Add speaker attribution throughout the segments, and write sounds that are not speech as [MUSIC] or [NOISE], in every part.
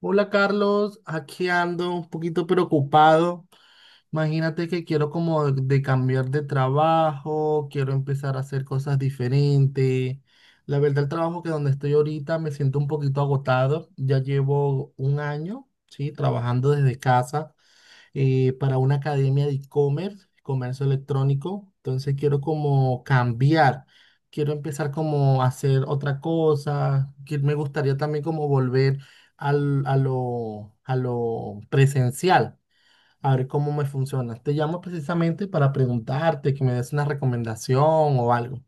Speaker 1: Hola Carlos, aquí ando un poquito preocupado. Imagínate que quiero como de cambiar de trabajo, quiero empezar a hacer cosas diferentes. La verdad, el trabajo que donde estoy ahorita me siento un poquito agotado. Ya llevo un año, sí, trabajando desde casa para una academia de e-commerce, comercio electrónico. Entonces quiero como cambiar, quiero empezar como a hacer otra cosa, que me gustaría también como volver a lo presencial, a ver cómo me funciona. Te llamo precisamente para preguntarte, que me des una recomendación o algo.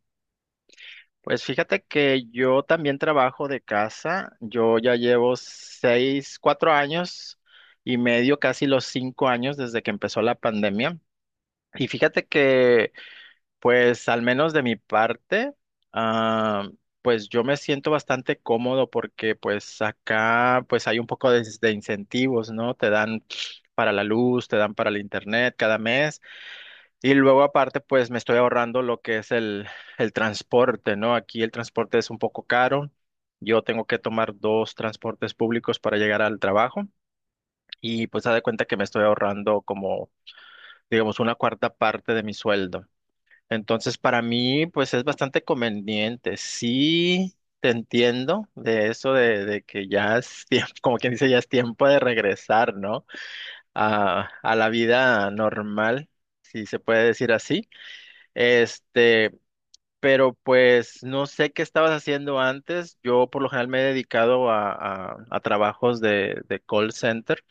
Speaker 2: Pues fíjate que yo también trabajo de casa. Yo ya llevo 4 años y medio, casi los 5 años desde que empezó la pandemia. Y fíjate que, pues al menos de mi parte, ah, pues yo me siento bastante cómodo porque pues acá pues hay un poco de incentivos, ¿no? Te dan para la luz, te dan para el internet cada mes. Y luego aparte, pues me estoy ahorrando lo que es el transporte, ¿no? Aquí el transporte es un poco caro. Yo tengo que tomar dos transportes públicos para llegar al trabajo y pues haz de cuenta que me estoy ahorrando como, digamos, una cuarta parte de mi sueldo. Entonces, para mí, pues es bastante conveniente. Sí, te entiendo de eso de que ya es tiempo, [LAUGHS] como quien dice, ya es tiempo de regresar, ¿no? A la vida normal, si se puede decir así. Este, pero pues no sé qué estabas haciendo antes. Yo por lo general me he dedicado a, a trabajos de call center.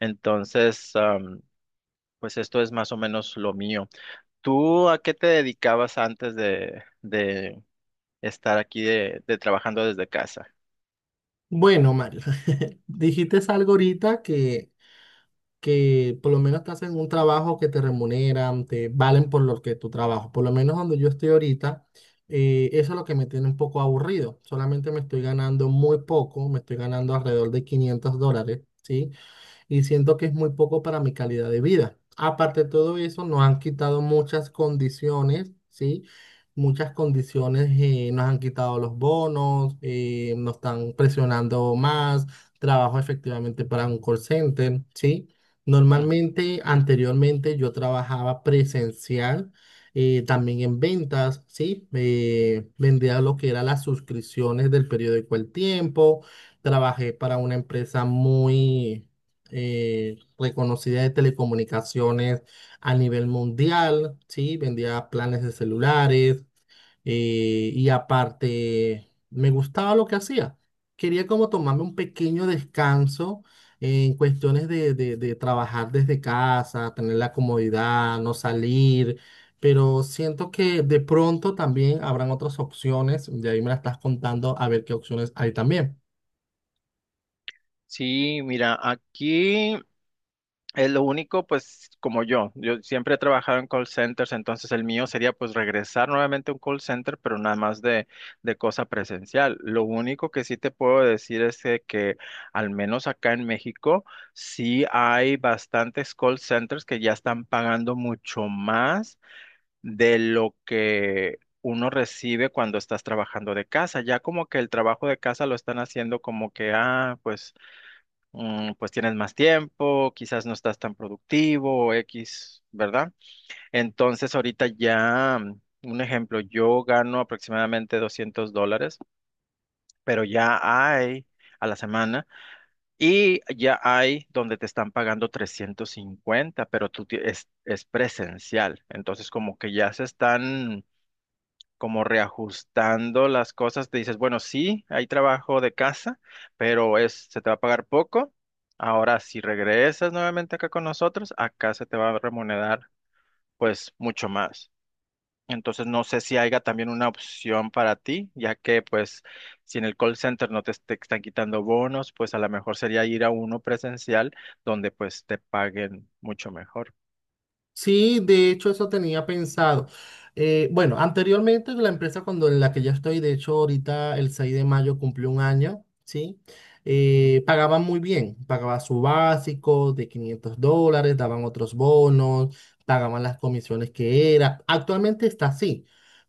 Speaker 2: Entonces, pues esto es más o menos lo mío. ¿Tú a qué te dedicabas antes de estar aquí de trabajando desde casa?
Speaker 1: Bueno, Mario, [LAUGHS] dijiste algo ahorita que por lo menos te hacen un trabajo que te remuneran, te valen por lo que tu trabajo. Por lo menos donde yo estoy ahorita, eso es lo que me tiene un poco aburrido. Solamente me estoy ganando muy poco, me estoy ganando alrededor de $500, ¿sí? Y siento que es muy poco para mi calidad de vida. Aparte de todo eso, nos han quitado muchas condiciones, ¿sí? Muchas condiciones, nos han quitado los bonos, nos están presionando más, trabajo efectivamente para un call center, ¿sí?
Speaker 2: Ujú.
Speaker 1: Normalmente, anteriormente yo trabajaba presencial, también en ventas, ¿sí? Vendía lo que eran las suscripciones del periódico El Tiempo, trabajé para una empresa muy reconocida de telecomunicaciones a nivel mundial, ¿sí? Vendía planes de celulares, y aparte me gustaba lo que hacía. Quería como tomarme un pequeño descanso en cuestiones de trabajar desde casa, tener la comodidad, no salir, pero siento que de pronto también habrán otras opciones, de ahí me la estás contando a ver qué opciones hay también.
Speaker 2: Sí, mira, aquí. Es lo único, pues, como yo siempre he trabajado en call centers, entonces el mío sería pues regresar nuevamente a un call center, pero nada más de cosa presencial. Lo único que sí te puedo decir es de que al menos acá en México sí hay bastantes call centers que ya están pagando mucho más de lo que uno recibe cuando estás trabajando de casa. Ya como que el trabajo de casa lo están haciendo como que, ah, pues pues tienes más tiempo, quizás no estás tan productivo o X, ¿verdad? Entonces ahorita ya, un ejemplo, yo gano aproximadamente $200, pero ya hay a la semana y ya hay donde te están pagando 350 pero es presencial. Entonces como que ya se están como reajustando las cosas, te dices, bueno, sí, hay trabajo de casa, pero es, se te va a pagar poco. Ahora, si regresas nuevamente acá con nosotros, acá se te va a remunerar pues mucho más. Entonces, no sé si haya también una opción para ti, ya que pues si en el call center no te, te están quitando bonos, pues a lo mejor sería ir a uno presencial donde pues te paguen mucho mejor.
Speaker 1: Sí, de hecho eso tenía pensado. Bueno, anteriormente la empresa cuando en la que ya estoy, de hecho ahorita el 6 de mayo cumplió un año, ¿sí? Pagaban muy bien, pagaba su básico de $500, daban otros bonos, pagaban las comisiones que era. Actualmente está así,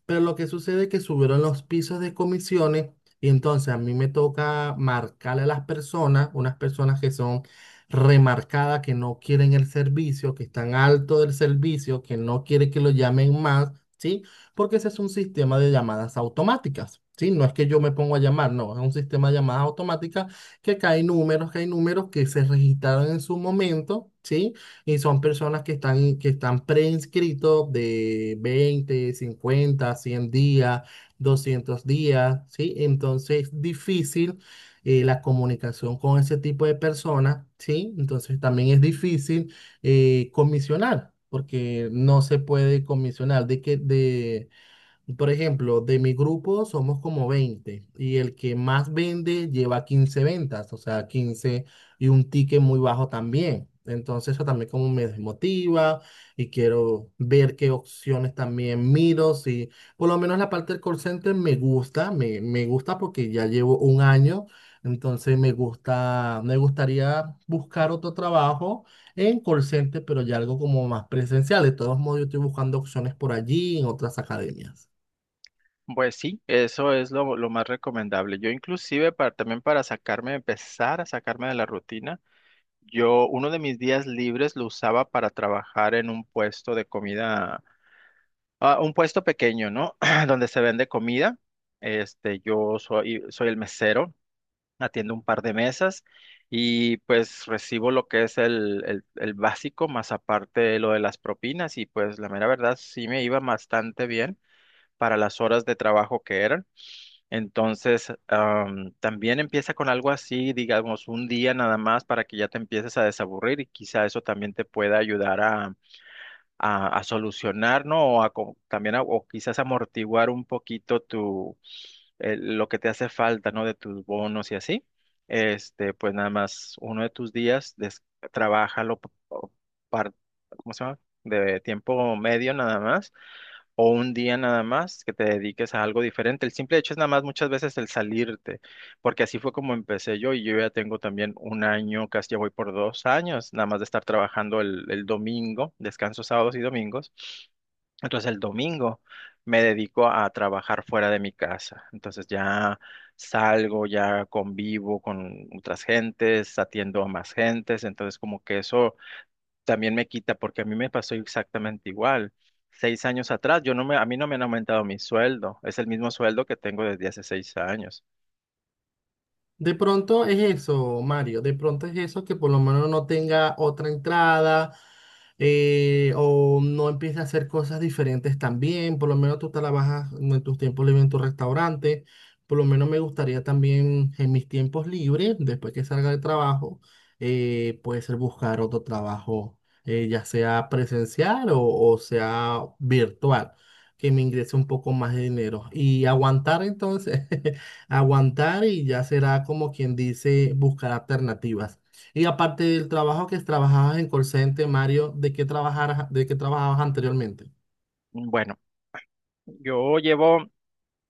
Speaker 1: pero lo que sucede es que subieron los pisos de comisiones y entonces a mí me toca marcarle a las personas, unas personas que son remarcada que no quieren el servicio, que están alto del servicio, que no quiere que lo llamen más, ¿sí? Porque ese es un sistema de llamadas automáticas, ¿sí? No es que yo me pongo a llamar, no, es un sistema de llamadas automáticas que cae números, que hay números que se registraron en su momento, ¿sí? Y son personas que están preinscritos de 20 50 100 días, 200 días, ¿sí? Entonces es difícil, la comunicación con ese tipo de personas, ¿sí? Entonces también es difícil, comisionar, porque no se puede comisionar de que, de por ejemplo, de mi grupo somos como 20 y el que más vende lleva 15 ventas, o sea, 15 y un ticket muy bajo también. Entonces eso también como me desmotiva y quiero ver qué opciones también miro. Si por lo menos la parte del call center me gusta, me gusta porque ya llevo un año, entonces me gusta, me gustaría buscar otro trabajo en call center, pero ya algo como más presencial. De todos modos, yo estoy buscando opciones por allí en otras academias.
Speaker 2: Pues sí, eso es lo más recomendable. Yo inclusive para, también para sacarme, empezar a sacarme de la rutina, yo uno de mis días libres lo usaba para trabajar en un puesto de comida, ah, un puesto pequeño, ¿no? [CLEARS THROAT] Donde se vende comida. Este, yo soy el mesero, atiendo un par de mesas y pues recibo lo que es el básico, más aparte lo de las propinas y pues la mera verdad sí me iba bastante bien para las horas de trabajo que eran. Entonces, también empieza con algo así, digamos, un día nada más para que ya te empieces a desaburrir y quizá eso también te pueda ayudar a solucionar, ¿no? O a, co- también a- o quizás amortiguar un poquito lo que te hace falta, ¿no? De tus bonos y así. Este, pues nada más uno de tus días, trabájalo par- ¿cómo se llama? De tiempo medio nada más o un día nada más que te dediques a algo diferente. El simple hecho es nada más muchas veces el salirte porque así fue como empecé yo y yo ya tengo también un año, casi ya voy por 2 años, nada más de estar trabajando el domingo, descanso sábados y domingos. Entonces el domingo me dedico a trabajar fuera de mi casa. Entonces ya salgo, ya convivo con otras gentes, atiendo a más gentes. Entonces como que eso también me quita porque a mí me pasó exactamente igual. 6 años atrás, yo no me, a mí no me han aumentado mi sueldo. Es el mismo sueldo que tengo desde hace 6 años.
Speaker 1: De pronto es eso, Mario, de pronto es eso que por lo menos no tenga otra entrada, o no empiece a hacer cosas diferentes también, por lo menos tú trabajas en tus tiempos libres en tu restaurante, por lo menos me gustaría también en mis tiempos libres, después que salga de trabajo, puede ser buscar otro trabajo, ya sea presencial o sea virtual, que me ingrese un poco más de dinero y aguantar entonces. [LAUGHS] Aguantar y ya será como quien dice buscar alternativas. Y aparte del trabajo que trabajabas en call center, Mario, ¿de qué trabajar, de qué trabajabas anteriormente?
Speaker 2: Bueno. Yo llevo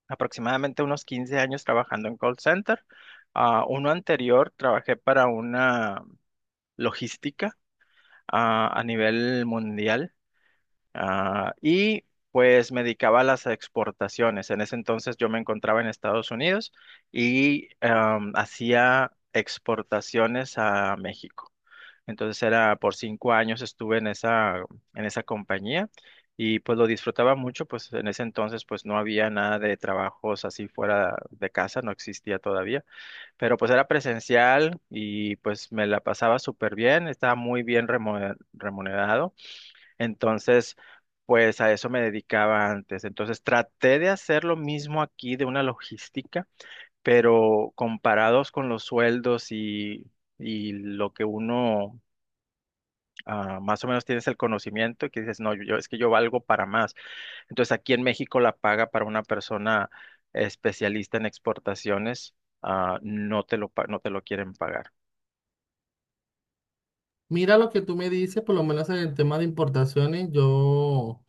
Speaker 2: aproximadamente unos 15 años trabajando en call center. Ah, uno anterior trabajé para una logística, a nivel mundial, y pues me dedicaba a las exportaciones. En ese entonces yo me encontraba en Estados Unidos y hacía exportaciones a México. Entonces era por 5 años estuve en en esa compañía y pues lo disfrutaba mucho, pues en ese entonces pues no había nada de trabajos así fuera de casa, no existía todavía, pero pues era presencial y pues me la pasaba súper bien, estaba muy bien remunerado, entonces pues a eso me dedicaba antes. Entonces traté de hacer lo mismo aquí de una logística, pero comparados con los sueldos y lo que uno, más o menos tienes el conocimiento y que dices, no, es que yo valgo para más. Entonces aquí en México la paga para una persona especialista en exportaciones, no te lo, no te lo quieren pagar.
Speaker 1: Mira lo que tú me dices, por lo menos en el tema de importaciones, yo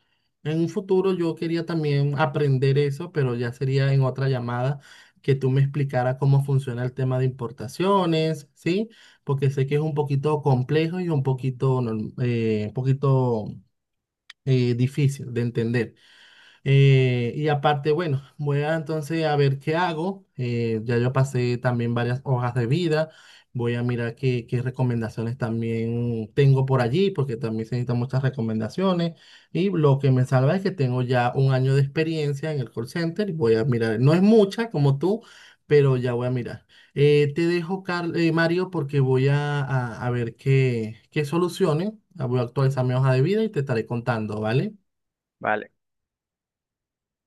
Speaker 1: en un futuro yo quería también aprender eso, pero ya sería en otra llamada que tú me explicaras cómo funciona el tema de importaciones, ¿sí? Porque sé que es un poquito complejo y un poquito, un poquito, difícil de entender. Y aparte, bueno, voy a entonces a ver qué hago. Ya yo pasé también varias hojas de vida. Voy a mirar qué recomendaciones también tengo por allí, porque también se necesitan muchas recomendaciones. Y lo que me salva es que tengo ya un año de experiencia en el call center, y voy a mirar, no es mucha como tú, pero ya voy a mirar. Te dejo, Mario, porque voy a ver qué, qué soluciones. Voy a actualizar mi hoja de vida y te estaré contando, ¿vale?
Speaker 2: ¿Vale?